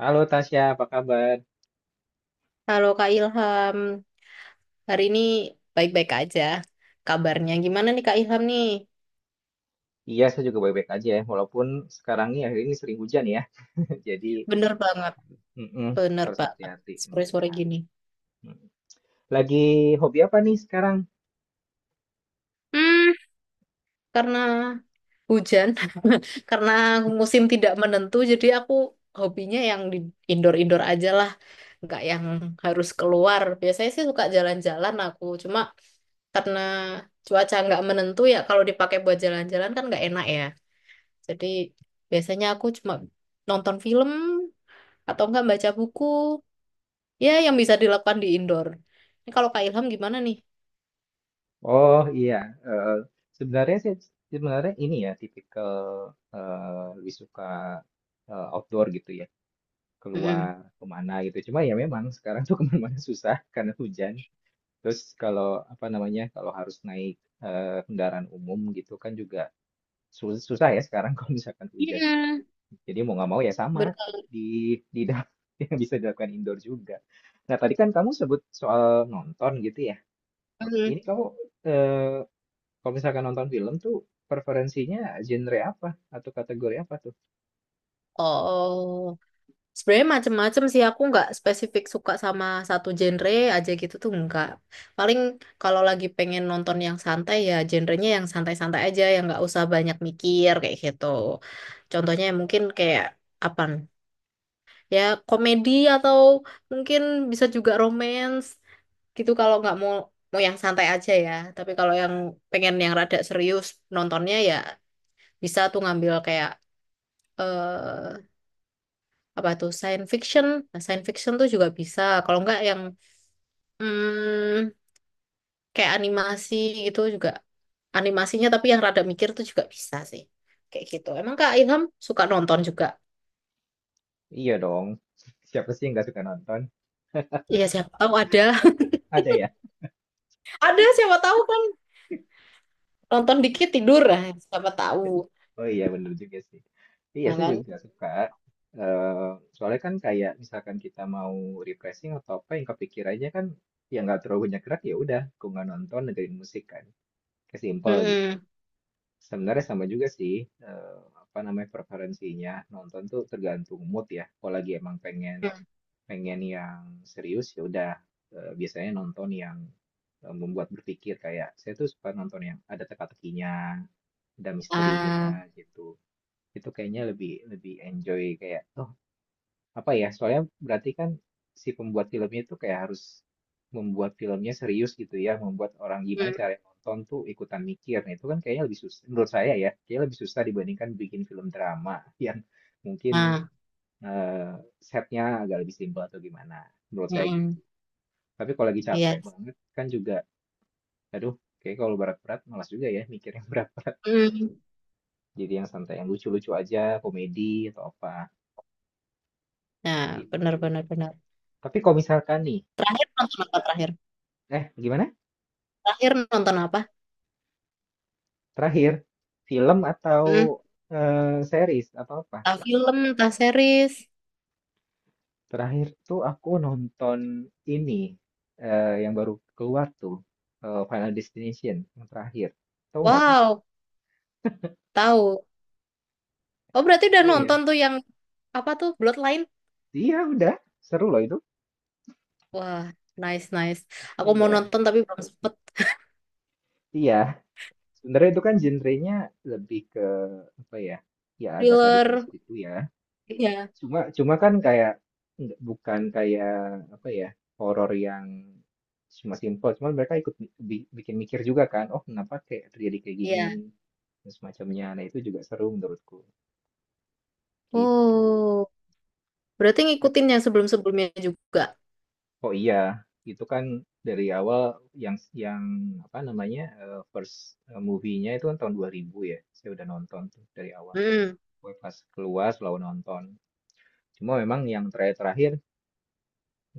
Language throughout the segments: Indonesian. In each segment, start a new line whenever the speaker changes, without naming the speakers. Halo Tasya, apa kabar?
Halo Kak Ilham, hari ini baik-baik aja kabarnya. Gimana nih Kak Ilham nih?
Iya, saya juga baik-baik aja ya. Walaupun sekarang ini akhir ini sering hujan ya. Jadi,
Bener banget,
mm-mm,
bener
harus
banget.
hati-hati sama
Sore-sore
kesehatan.
gini.
Mm. Lagi hobi apa nih sekarang?
Hmm, karena hujan, karena musim tidak menentu, jadi aku hobinya yang di indoor-indoor aja lah, nggak yang harus keluar. Biasanya sih suka jalan-jalan aku, cuma karena cuaca nggak menentu ya kalau dipakai buat jalan-jalan kan nggak enak ya. Jadi biasanya aku cuma nonton film atau enggak baca buku ya yang bisa dilakukan di indoor ini. Kalau Kak Ilham gimana nih?
Oh iya, sebenarnya saya ini ya tipikal lebih suka outdoor gitu ya. Keluar
Mm-mm.
kemana gitu. Cuma ya memang sekarang tuh kemana-mana susah karena hujan. Terus kalau apa namanya, kalau harus naik kendaraan umum gitu kan juga susah ya sekarang kalau misalkan hujan.
Iya.
Jadi mau nggak mau ya sama,
Bener.
di da yang bisa dilakukan indoor juga. Nah, tadi kan kamu sebut soal nonton gitu ya.
Mm.
Ini kamu, eee, kalau misalkan nonton film tuh preferensinya genre apa? Atau kategori apa tuh?
Oh, sebenarnya macem-macem sih, aku nggak spesifik suka sama satu genre aja gitu tuh nggak. Paling kalau lagi pengen nonton yang santai ya genrenya yang santai-santai aja yang nggak usah banyak mikir kayak gitu. Contohnya mungkin kayak apa ya, komedi atau mungkin bisa juga romance gitu. Kalau nggak mau mau yang santai aja ya. Tapi kalau yang pengen yang rada serius nontonnya ya bisa tuh ngambil kayak eh apa tuh science fiction. Nah, science fiction tuh juga bisa. Kalau nggak yang hmm, kayak animasi gitu juga, animasinya tapi yang rada mikir tuh juga bisa sih kayak gitu. Emang Kak Ilham suka nonton juga?
Iya dong, siapa sih yang nggak suka nonton?
Iya siapa tahu ada.
Ada ya?
Ada siapa tahu kan, nonton dikit tidur. Nah, siapa tahu.
Oh iya bener juga sih. Iya
Nah,
saya
kan?
juga suka. Soalnya kan kayak misalkan kita mau refreshing atau apa yang kepikirannya kan ya nggak terlalu banyak gerak ya udah aku nggak nonton dengerin musik kan. Kayak simple gitu.
Mm-mm.
Sebenarnya sama juga sih apa namanya preferensinya nonton tuh tergantung mood ya. Kalau lagi emang pengen
Mm.
pengen yang serius ya udah biasanya nonton yang membuat berpikir kayak saya tuh suka nonton yang ada teka-tekinya, ada misterinya
Ah.
gitu. Itu kayaknya lebih lebih enjoy kayak oh apa ya soalnya berarti kan si pembuat filmnya itu kayak harus membuat filmnya serius gitu ya, membuat orang gimana
Mm.
cara nonton tuh ikutan mikir. Nah, itu kan kayaknya lebih susah menurut saya ya, kayaknya lebih susah dibandingkan bikin film drama yang mungkin
Ah.
eh, setnya agak lebih simpel atau gimana. Menurut saya
Mm-mm.
gitu. Tapi kalau lagi
Iya.
capek banget kan juga aduh, kayak kalau berat-berat malas juga ya mikir yang berat-berat.
Mm.
Jadi yang santai, yang lucu-lucu aja, komedi atau apa
Nah, benar,
gitu.
benar, benar.
Tapi kalau misalkan nih,
Terakhir nonton apa terakhir?
eh gimana?
Terakhir nonton apa?
Terakhir, film
Mm.
atau series atau apa?
Entah film, entah series.
Terakhir tuh aku nonton ini yang baru keluar tuh Final Destination yang terakhir. Tahu nggak sih?
Wow, tahu. Oh, berarti udah
Tahu ya.
nonton tuh yang apa tuh? Bloodline?
Iya udah, seru loh itu.
Wah, nice, nice. Aku mau
Iya,
nonton tapi belum sempet.
iya. Sebenarnya itu kan genrenya lebih ke apa ya? Ya agak sadis-sadis
Thriller.
gitu ya.
Iya,
Cuma cuma kan kayak nggak bukan kayak apa ya, horor yang cuma simpel, cuman mereka ikut bikin mikir juga kan, oh kenapa kayak terjadi kayak gini
iya.
dan semacamnya. Nah, itu juga seru menurutku. Gitu.
Oh, berarti
Yep.
ngikutin yang sebelum-sebelumnya juga.
Oh iya, itu kan dari awal yang yang apa namanya? First movie-nya itu kan tahun 2000 ya. Saya udah nonton tuh dari awal.
Hmm.
Gue pas keluar selalu nonton. Cuma memang yang terakhir-terakhir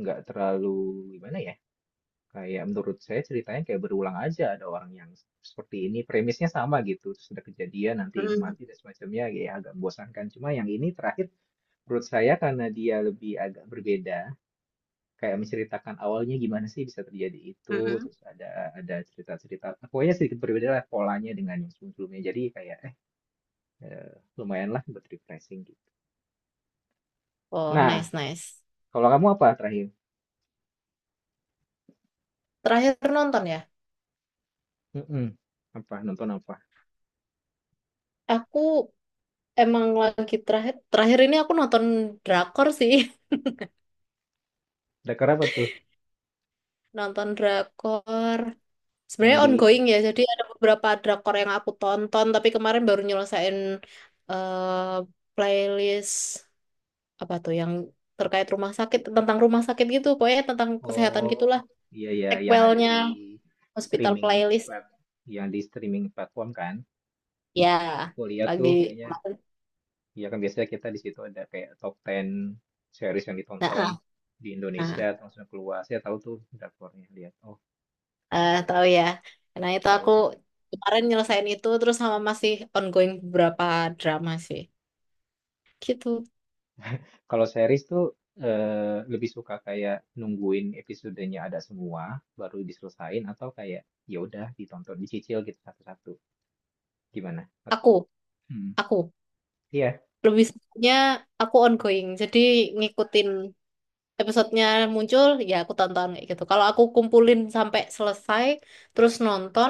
nggak terlalu gimana ya? Kayak menurut saya ceritanya kayak berulang aja, ada orang yang seperti ini, premisnya sama gitu, terus ada kejadian, nanti ini
Mm.
mati dan semacamnya, ya agak membosankan. Cuma yang ini terakhir menurut saya karena dia lebih agak berbeda, kayak menceritakan awalnya gimana sih bisa terjadi itu,
Mm.
terus ada cerita-cerita, pokoknya sedikit berbeda lah polanya dengan yang sebelumnya. Jadi kayak eh, lumayan lah buat refreshing gitu.
Oh,
Nah,
nice, nice.
kalau kamu apa terakhir?
Terakhir nonton ya.
Mm-mm. Apa nonton apa?
Aku emang lagi terakhir terakhir ini aku nonton drakor sih.
Dakar apa tuh
Nonton drakor.
yang
Sebenarnya
di.
ongoing ya, jadi ada beberapa drakor yang aku tonton, tapi kemarin baru nyelesain eh, playlist apa tuh yang terkait rumah sakit, tentang rumah sakit gitu, pokoknya tentang kesehatan
Oh,
gitulah.
iya ya, yang ada
Sequelnya
di
Hospital
streaming
Playlist
plat, yang di streaming platform kan?
ya
Aku lihat tuh
lagi.
kayaknya, ya kan biasanya kita di situ ada kayak top 10 series yang
Nah,
ditonton
ah.
di Indonesia
Nah,
terus langsung keluar. Saya tahu tuh drakornya, lihat. Oh,
eh
iya,
tahu ya. Nah, itu
tahu
aku
tahu.
kemarin nyelesain itu terus sama masih ongoing beberapa drama sih. Gitu.
Kalau series tuh lebih suka kayak nungguin episodenya ada semua baru diselesain atau kayak ya udah ditonton dicicil gitu satu-satu. Gimana?
Aku,
Hmm.
aku
Iya.
lebih sukanya aku ongoing. Jadi ngikutin episodenya muncul ya aku tonton kayak gitu. Kalau aku kumpulin sampai selesai terus nonton,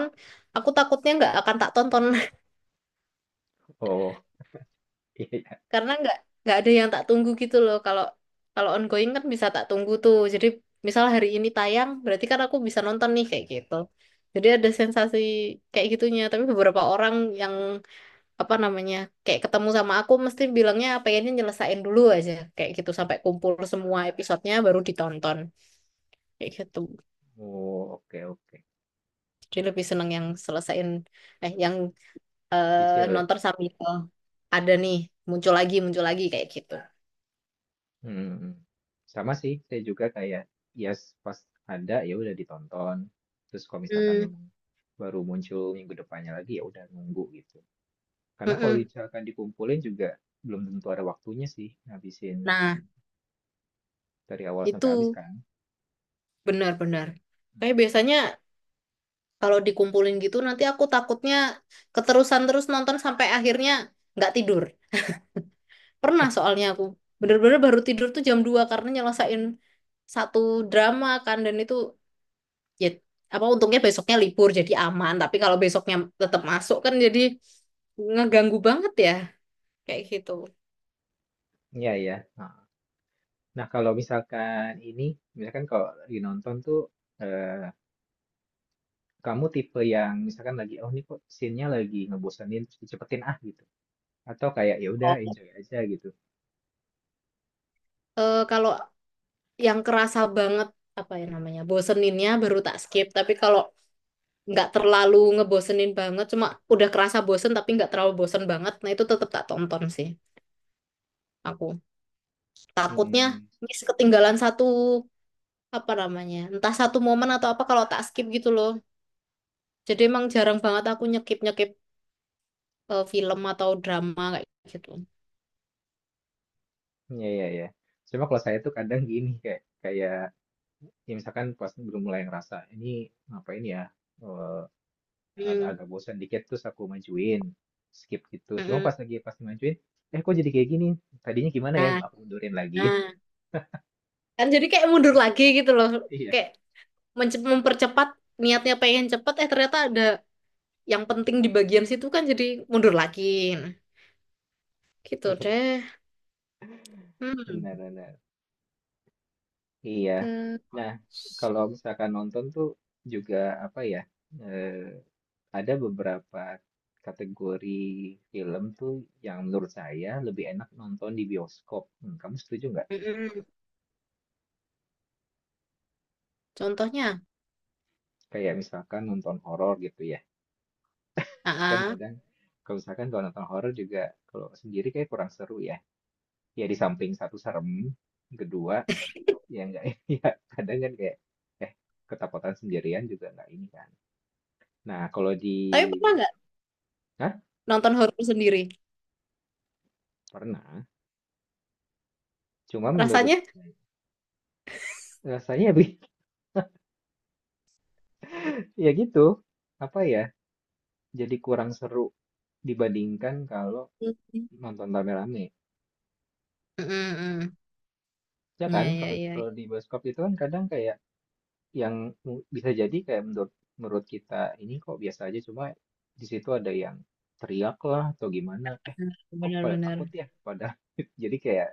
aku takutnya nggak akan tak tonton.
Oh. Iya.
Karena nggak ada yang tak tunggu gitu loh. Kalau kalau ongoing kan bisa tak tunggu tuh, jadi misal hari ini tayang berarti kan aku bisa nonton nih kayak gitu. Jadi ada sensasi kayak gitunya. Tapi beberapa orang yang apa namanya kayak ketemu sama aku mesti bilangnya pengennya nyelesain dulu aja kayak gitu sampai kumpul semua episodenya baru ditonton kayak gitu.
Oh, oke, oke.
Jadi lebih seneng yang selesain yang
Cicil ya.
nonton sambil oh, ada nih muncul lagi kayak gitu.
Hmm. Hmm. Hmm. Sama sih, saya juga kayak ya pas ada ya udah ditonton. Terus kalau misalkan
Hmm.
memang baru muncul minggu depannya lagi ya udah nunggu gitu. Karena kalau
Mm-mm.
misalkan dikumpulin juga belum tentu ada waktunya sih ngabisin
Nah,
dari awal sampai
itu
habis kan.
benar-benar.
Hmm.
Kayak biasanya kalau dikumpulin gitu nanti aku takutnya keterusan terus nonton sampai akhirnya nggak tidur. Pernah soalnya aku bener-bener baru tidur tuh jam 2 karena nyelesain satu drama kan, dan itu ya apa untungnya besoknya libur jadi aman. Tapi kalau besoknya tetap masuk kan jadi ngeganggu banget ya kayak gitu.
Iya ya. Nah, kalau misalkan ini, misalkan kalau lagi nonton tuh eh kamu tipe yang misalkan lagi oh ini kok scene-nya lagi ngebosenin terus dicepetin ah gitu. Atau kayak ya udah enjoy aja gitu.
Eh, kalau yang kerasa banget apa ya namanya boseninnya baru tak skip. Tapi kalau nggak terlalu ngebosenin banget cuma udah kerasa bosen tapi nggak terlalu bosen banget, nah itu tetap tak tonton sih. Aku takutnya
Mhm.
miss ketinggalan satu apa namanya entah satu momen atau apa kalau tak skip gitu loh. Jadi emang jarang banget aku nyekip nyekip film atau drama kayak gitu.
Iya, iya, iya. Cuma kalau saya tuh kadang gini kayak kayak ya misalkan pas belum mulai ngerasa ini ngapain ya eh,
Hmm.
agak bosan dikit terus aku majuin skip gitu. Cuma
Mm-mm.
pas majuin kok jadi kayak gini? Tadinya gimana ya?
Nah,
Aku mundurin lagi.
nah, kan jadi kayak mundur lagi gitu loh. Kayak
Iya.
mempercepat niatnya pengen cepet ternyata ada yang penting di bagian situ kan, jadi mundur lagi. Nah, gitu
Iya,
deh.
benar
Hmm.
benar. Iya. Nah,
Terus,
kalau misalkan nonton tuh juga apa ya? eh, ada beberapa kategori film tuh yang menurut saya lebih enak nonton di bioskop. Hmm, kamu setuju nggak?
mm-mm. Contohnya,
Kayak misalkan nonton horor gitu ya. Kan
ah.
kadang kalau misalkan kalau nonton horor juga kalau sendiri kayak kurang seru ya. Ya di samping satu serem, kedua ya nggak ya kadang kan kayak eh ketakutan sendirian juga nggak ini kan. Nah, kalau di
Tapi pernah
bios-.
nggak
Hah?
nonton horor sendiri?
Pernah. Cuma
Rasanya,
rasanya ya gitu, apa ya, jadi kurang seru dibandingkan kalau
mm,
nonton rame-rame.
mm, mm.
Ya
Ya,
kan,
ya,
kalau
ya,
kalau di bioskop itu kan kadang kayak yang bisa jadi kayak menurut menurut kita ini kok biasa aja, cuma di situ ada yang teriak lah atau gimana. Eh, kok pada takut
benar-benar.
ya? Pada jadi kayak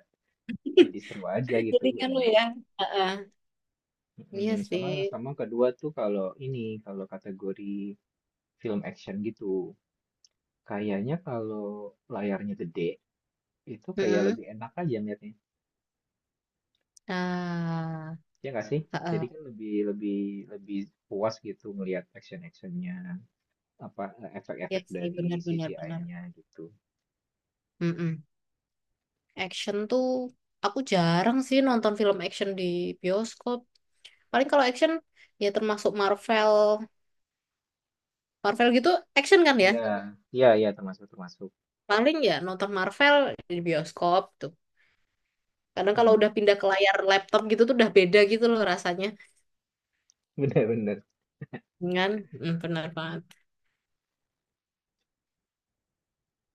jadi seru aja gitu
Jadi kan lu
bareng-bareng.
ya, ah. Iya
Sama
sih.
sama kedua tuh kalau ini kalau kategori film action gitu. Kayaknya kalau layarnya gede itu kayak
Mm-mm.
lebih enak aja ngeliatnya.
Ah,
Ya nggak sih?
ah,
Jadi kan
ah.
lebih lebih lebih puas gitu ngelihat action-actionnya, apa
Iya
efek-efek
sih,
dari
benar-benar benar. Benar,
CGI-nya gitu.
benar. Mm-mm. Action tuh, aku jarang sih nonton film action di bioskop. Paling kalau action ya termasuk Marvel, Marvel gitu action kan ya?
Ya, ya, ya termasuk termasuk.
Paling ya nonton Marvel di bioskop tuh. Kadang kalau udah
Hmm.
pindah ke layar laptop gitu tuh udah beda gitu loh rasanya.
Bener-bener.
Dengan benar banget.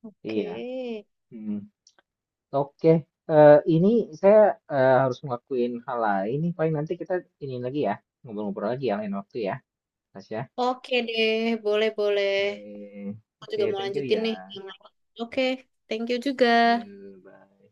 Oke.
Iya. Hmm. Oke. Ini saya harus ngelakuin hal lain nih. Paling nanti kita ini lagi ya, ngobrol-ngobrol lagi ya lain waktu ya, Tasya.
Oke deh, boleh-boleh.
Oke.
Aku
Oke,
juga mau
thank you
lanjutin
ya.
nih yang lain. Oke, thank you juga.
Ya, bye.